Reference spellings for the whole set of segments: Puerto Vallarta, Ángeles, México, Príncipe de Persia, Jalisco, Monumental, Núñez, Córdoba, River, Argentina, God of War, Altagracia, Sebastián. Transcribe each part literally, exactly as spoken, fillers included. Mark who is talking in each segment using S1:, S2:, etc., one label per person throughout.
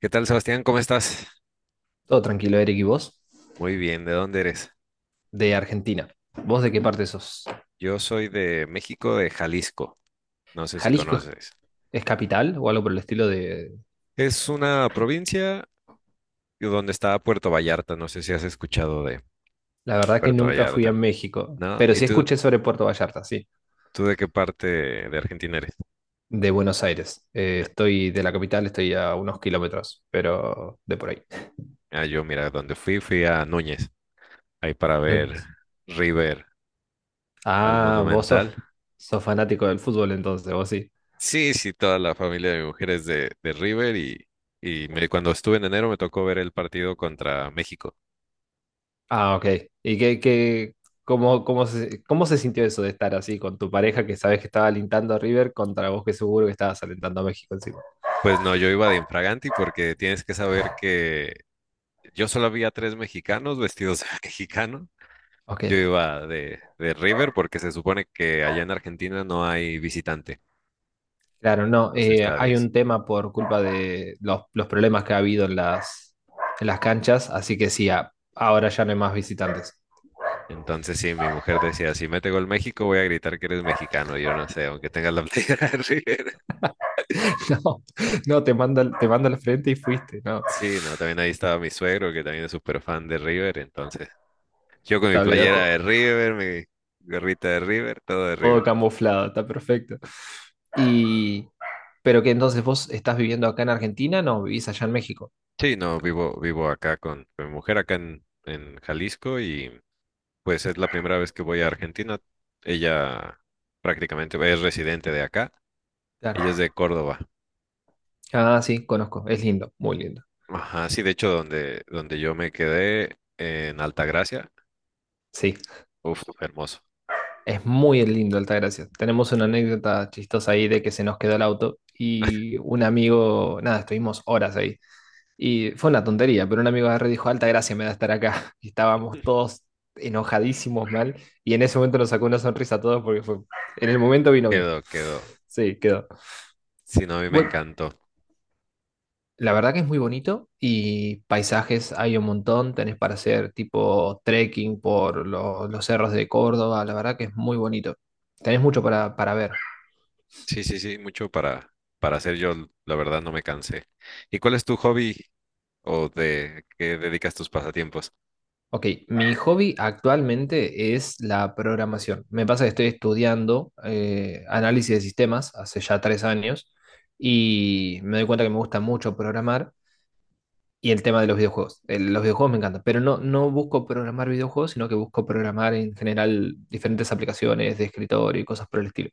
S1: ¿Qué tal, Sebastián? ¿Cómo estás?
S2: Todo tranquilo, Eric, ¿y vos?
S1: Muy bien, ¿de dónde eres?
S2: De Argentina. ¿Vos de qué parte sos?
S1: Yo soy de México, de Jalisco. No sé si
S2: ¿Jalisco es,
S1: conoces.
S2: es capital o algo por el estilo de...
S1: Es una provincia donde está Puerto Vallarta. No sé si has escuchado de
S2: La verdad que
S1: Puerto
S2: nunca fui a
S1: Vallarta,
S2: México,
S1: ¿no?
S2: pero
S1: ¿Y
S2: sí
S1: tú,
S2: escuché sobre Puerto Vallarta, sí,
S1: tú de qué parte de Argentina eres?
S2: de Buenos Aires. Eh, estoy de la capital, estoy a unos kilómetros, pero de por ahí.
S1: Ah, yo, mira, donde fui, fui a Núñez, ahí para ver
S2: Núñez.
S1: River al
S2: Ah, vos sos,
S1: Monumental.
S2: sos fanático del fútbol entonces, vos sí.
S1: Sí, sí, toda la familia de mujeres de, de River y, y me- cuando estuve en enero me tocó ver el partido contra México.
S2: Ah, ok. ¿Y qué, qué, cómo, cómo se, cómo se sintió eso de estar así con tu pareja que sabes que estaba alentando a River contra vos que seguro que estabas alentando a México encima?
S1: Pues no, yo iba de infraganti porque tienes que saber que yo solo había tres mexicanos vestidos de mexicano.
S2: Ok.
S1: Yo iba de, de River porque se supone que allá en Argentina no hay visitante,
S2: Claro, no,
S1: los
S2: eh, hay
S1: estadios.
S2: un tema por culpa de los, los problemas que ha habido en las, en las, canchas, así que sí, a- ahora ya no hay más visitantes.
S1: Entonces sí, mi mujer decía, si mete gol México voy a gritar que eres mexicano. Yo no sé, aunque tengas la playera de River.
S2: No, no, te mando, al- te mando al frente y fuiste, no,
S1: Sí, no, también ahí estaba mi suegro que también es súper fan de River. Entonces yo con mi
S2: está, olvídate,
S1: playera de River, mi gorrita de River, todo de
S2: todo
S1: River.
S2: camuflado, está perfecto. Y, pero que entonces vos estás viviendo acá en Argentina, no, vivís allá en México.
S1: Sí, no, vivo, vivo acá con, con mi mujer, acá en, en Jalisco, y pues es la primera vez que voy a Argentina. Ella prácticamente es residente de acá. Ella es
S2: Claro.
S1: de Córdoba.
S2: Ah, sí, conozco, es lindo, muy lindo.
S1: Ajá, sí, de hecho, donde, donde yo me quedé en Altagracia,
S2: Sí.
S1: uf, hermoso.
S2: Es muy lindo Altagracia. Tenemos una anécdota chistosa ahí de que se nos quedó el auto y un amigo, nada, estuvimos horas ahí. Y fue una tontería, pero un amigo agarró y dijo, Altagracia me da estar acá. Y estábamos todos enojadísimos mal y en ese momento nos sacó una sonrisa a todos porque fue, en el momento vino bien.
S1: Quedó, quedó.
S2: Sí, quedó.
S1: Sí, no, a mí me
S2: Bueno,
S1: encantó.
S2: la verdad que es muy bonito y paisajes hay un montón, tenés para hacer tipo trekking por lo- los cerros de Córdoba, la verdad que es muy bonito. Tenés mucho para, para ver.
S1: Sí, sí, sí, mucho para, para hacer yo, la verdad, no me cansé. ¿Y cuál es tu hobby o de qué dedicas tus pasatiempos?
S2: Ok, mi hobby actualmente es la programación. Me pasa que estoy estudiando eh, análisis de sistemas hace ya tres años y me doy cuenta que me gusta mucho programar y el tema de los videojuegos. El- los videojuegos me encantan, pero no, no busco programar videojuegos, sino que busco programar en general diferentes aplicaciones de escritorio y cosas por el estilo.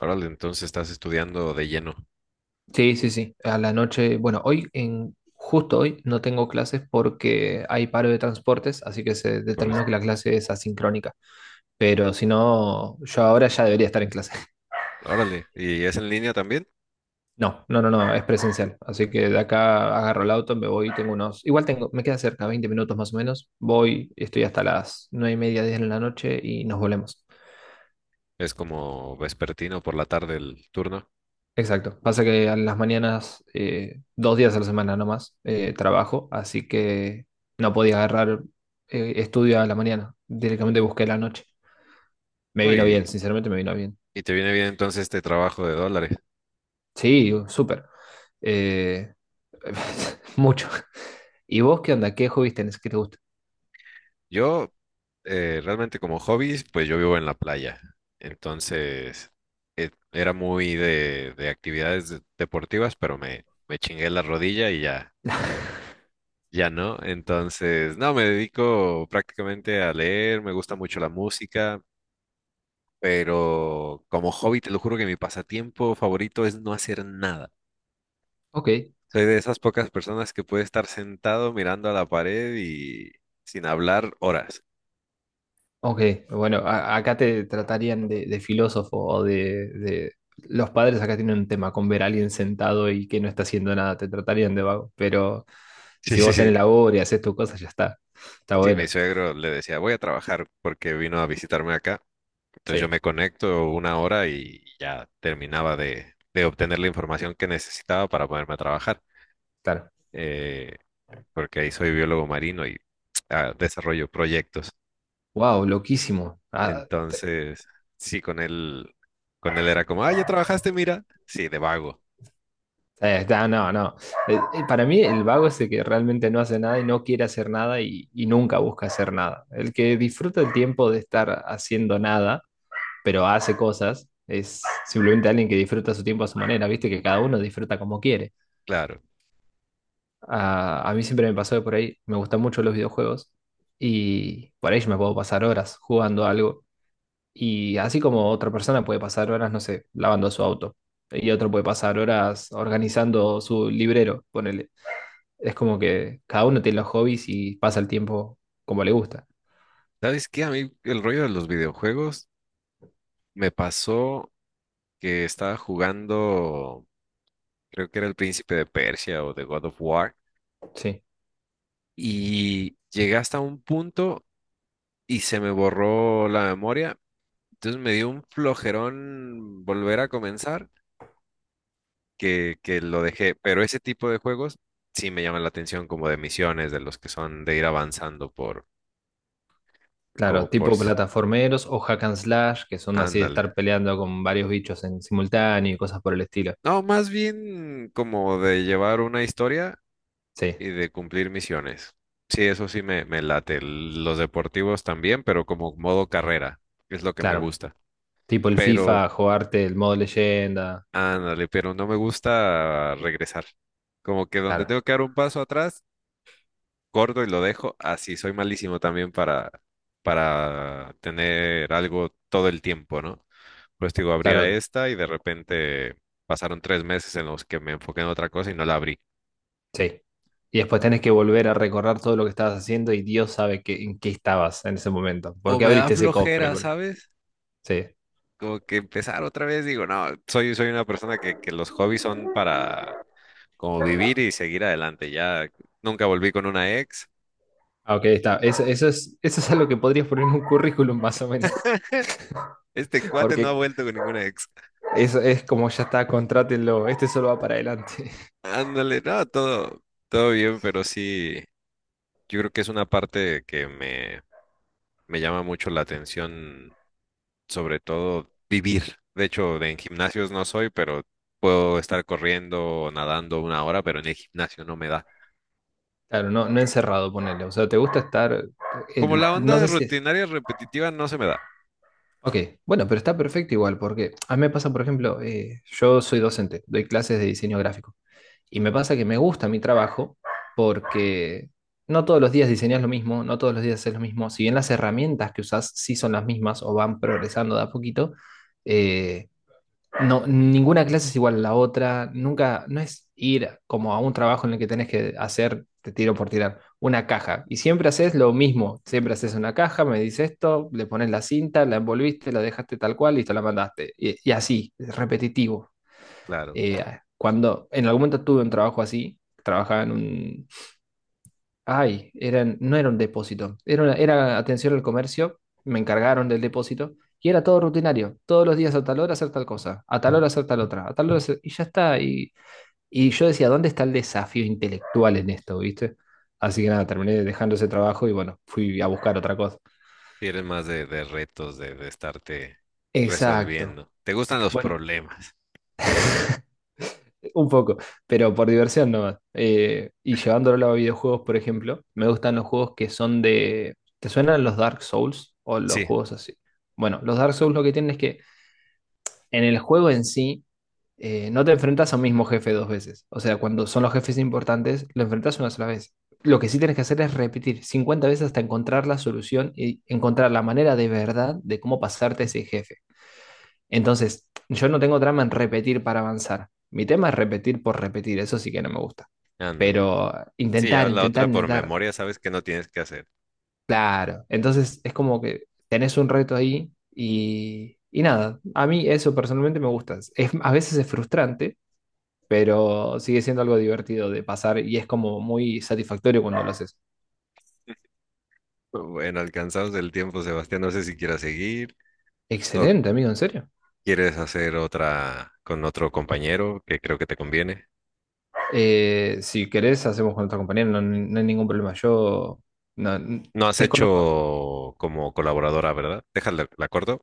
S1: Órale, entonces estás estudiando de lleno.
S2: Sí, sí, sí. A la noche, bueno, hoy en... Justo hoy no tengo clases porque hay paro de transportes, así que se
S1: por-
S2: determinó que la clase es asincrónica. Pero si no, yo ahora ya debería estar en clase.
S1: Órale, ¿y es en línea también?
S2: No, no, no, no, es presencial. Así que de acá agarro el auto, me voy, tengo unos. Igual tengo, me queda cerca, veinte minutos más o menos. Voy, estoy hasta las nueve y media, diez de la noche y nos volvemos.
S1: Es como vespertino por la tarde el turno.
S2: Exacto. Pasa que a las mañanas, eh, dos días a la semana nomás, eh, trabajo, así que no podía agarrar eh, estudio a la mañana. Directamente busqué la noche. Me
S1: ¿No?
S2: vino bien,
S1: Y,
S2: sinceramente me vino bien.
S1: y te viene bien entonces este trabajo de dólares.
S2: Sí, súper. Eh, Mucho. ¿Y vos qué onda? ¿Qué hobbies tenés? ¿Qué te gusta?
S1: Yo eh, realmente como hobbies, pues yo vivo en la playa. Entonces eh, era muy de, de actividades de- deportivas, pero me, me chingué la rodilla y ya, ya no. Entonces, no, me dedico prácticamente a leer, me gusta mucho la música, pero como hobby, te lo juro que mi pasatiempo favorito es no hacer nada.
S2: Ok,
S1: Soy de esas pocas personas que puede estar sentado mirando a la pared y sin hablar horas.
S2: ok. Bueno, a- acá te tratarían de, de filósofo o de, de- los padres acá tienen un tema con ver a alguien sentado y que no está haciendo nada, te tratarían de vago. Pero
S1: Sí,
S2: si
S1: sí,
S2: vos
S1: sí.
S2: tenés labor y haces tus cosas, ya está. Está
S1: Sí, mi
S2: bueno.
S1: suegro le decía, voy a trabajar porque vino a visitarme acá. Entonces yo
S2: Sí,
S1: me conecto una hora y ya terminaba de, de obtener la información que necesitaba para ponerme a trabajar.
S2: claro.
S1: Eh, Porque ahí soy biólogo marino y ah, desarrollo proyectos.
S2: Wow, loquísimo. Ah,
S1: Entonces, sí, con él, con él era como, ah, ya trabajaste, mira. Sí, de vago,
S2: Eh, está- no, no. Eh, eh, para mí el vago es el que realmente no hace nada y no quiere hacer nada y, y nunca busca hacer nada. El que disfruta el tiempo de estar haciendo nada, pero hace cosas, es simplemente alguien que disfruta su tiempo a su manera, viste que cada uno disfruta como quiere.
S1: claro.
S2: a a mí siempre me pasó de por ahí, me gustan mucho los videojuegos y por ahí yo me puedo pasar horas jugando algo. Y así como otra persona puede pasar horas, no sé, lavando su auto. Y otro puede pasar horas organizando su librero, ponele. Es como que cada uno tiene los hobbies y pasa el tiempo como le gusta.
S1: ¿Sabes qué? A mí el rollo de los videojuegos me pasó que estaba jugando, creo que era el Príncipe de Persia o de God of War,
S2: Sí,
S1: y llegué hasta un punto y se me borró la memoria. Entonces me dio un flojerón volver a comenzar que, que lo dejé. Pero ese tipo de juegos sí me llaman la atención, como de misiones, de los que son de ir avanzando por, como
S2: claro,
S1: por,
S2: tipo
S1: s-
S2: plataformeros o hack and slash, que son así de
S1: ándale.
S2: estar peleando con varios bichos en simultáneo y cosas por el estilo.
S1: No, más bien como de llevar una historia
S2: Sí,
S1: y de cumplir misiones. Sí, eso sí me, me late. Los deportivos también, pero como modo carrera, es lo que me
S2: claro.
S1: gusta.
S2: Tipo el
S1: Pero,
S2: FIFA, jugarte el modo leyenda.
S1: ándale, pero no me gusta regresar. Como que donde
S2: Claro,
S1: tengo que dar un paso atrás, corto y lo dejo así. Soy malísimo también para, para tener algo todo el tiempo, ¿no? Pues digo, abría
S2: claro,
S1: esta y de repente pasaron tres meses en los que me enfoqué en otra cosa y no la abrí.
S2: sí. Y después tenés que volver a recorrer todo lo que estabas haciendo y Dios sabe que, en qué estabas en ese momento. ¿Por
S1: O
S2: qué
S1: me da
S2: abriste ese cofre?
S1: flojera,
S2: Por-
S1: ¿sabes?
S2: Sí.
S1: Como que empezar otra vez, digo, no, soy, soy una persona que, que los hobbies son para como vivir y seguir adelante. Ya nunca volví con una ex.
S2: Ah, ok, está. Eso, eso es, eso es algo que podrías poner en un currículum más o menos.
S1: Este cuate no ha
S2: Porque
S1: vuelto con ninguna ex.
S2: Es, es como ya está, contrátenlo, este solo va para adelante.
S1: Ándale, no, todo, todo bien, pero sí, yo creo que es una parte que me, me llama mucho la atención, sobre todo vivir. De hecho, de- en gimnasios no soy, pero puedo estar corriendo o nadando una hora, pero en el gimnasio no me da.
S2: Claro, no, no encerrado, ponele. O sea, te gusta estar.
S1: Como
S2: El-
S1: la onda
S2: no
S1: de
S2: sé si es.
S1: rutinaria repetitiva no se me da.
S2: Ok, bueno, pero está perfecto igual, porque a mí me pasa, por ejemplo, eh, yo soy docente, doy clases de diseño gráfico. Y me pasa que me gusta mi trabajo porque no todos los días diseñas lo mismo, no todos los días haces lo mismo. Si bien las herramientas que usas sí son las mismas o van progresando de a poquito, eh, no, ninguna clase es igual a la otra, nunca, no es ir como a un trabajo en el que tenés que hacer, te tiro por tirar, una caja. Y siempre haces lo mismo, siempre haces una caja, me dices esto, le pones la cinta, la envolviste, la dejaste tal cual, listo, la mandaste. Y, y así, es repetitivo.
S1: Claro.
S2: Eh, Cuando en algún momento tuve un trabajo así, trabajaba en un Ay, eran, no era un depósito, era, una- era atención al comercio, me encargaron del depósito y era todo rutinario, todos los días a tal hora hacer tal cosa, a tal hora hacer tal otra, a tal hora hacer- y ya está. Y, y yo decía, ¿dónde está el desafío intelectual en esto, viste? Así que nada, terminé dejando ese trabajo y bueno, fui a buscar otra cosa.
S1: Sí, eres más de, de retos, de, de estarte
S2: Exacto.
S1: resolviendo. ¿Te gustan los
S2: Bueno,
S1: problemas?
S2: un poco, pero por diversión nomás. Eh, y llevándolo a videojuegos, por ejemplo, me gustan los juegos que son de... ¿Te suenan los Dark Souls o los
S1: Sí,
S2: juegos así? Bueno, los Dark Souls lo que tienen es que en el juego en sí eh, no te enfrentas a un mismo jefe dos veces. O sea, cuando son los jefes importantes, lo enfrentas una sola vez. Lo que sí tienes que hacer es repetir cincuenta veces hasta encontrar la solución y encontrar la manera de verdad de cómo pasarte ese jefe. Entonces, yo no tengo trama en repetir para avanzar. Mi tema es repetir por repetir, eso sí que no me gusta.
S1: ándale.
S2: Pero
S1: Sí,
S2: intentar,
S1: ya la
S2: intentar,
S1: otra por
S2: intentar.
S1: memoria, sabes que no tienes que hacer.
S2: Claro. Entonces, es como que tenés un reto ahí y, y nada. A mí eso personalmente me gusta. Es, a veces es frustrante, pero sigue siendo algo divertido de pasar y es como muy satisfactorio cuando lo haces.
S1: Bueno, alcanzados del tiempo, Sebastián, no sé si quieras seguir o
S2: Excelente, amigo, en serio.
S1: quieres hacer otra con otro compañero que creo que te conviene.
S2: Eh, si querés, hacemos con otra compañera, no, no hay ningún problema. Yo no,
S1: No has
S2: desconozco.
S1: hecho como colaboradora, ¿verdad? Déjala, la corto.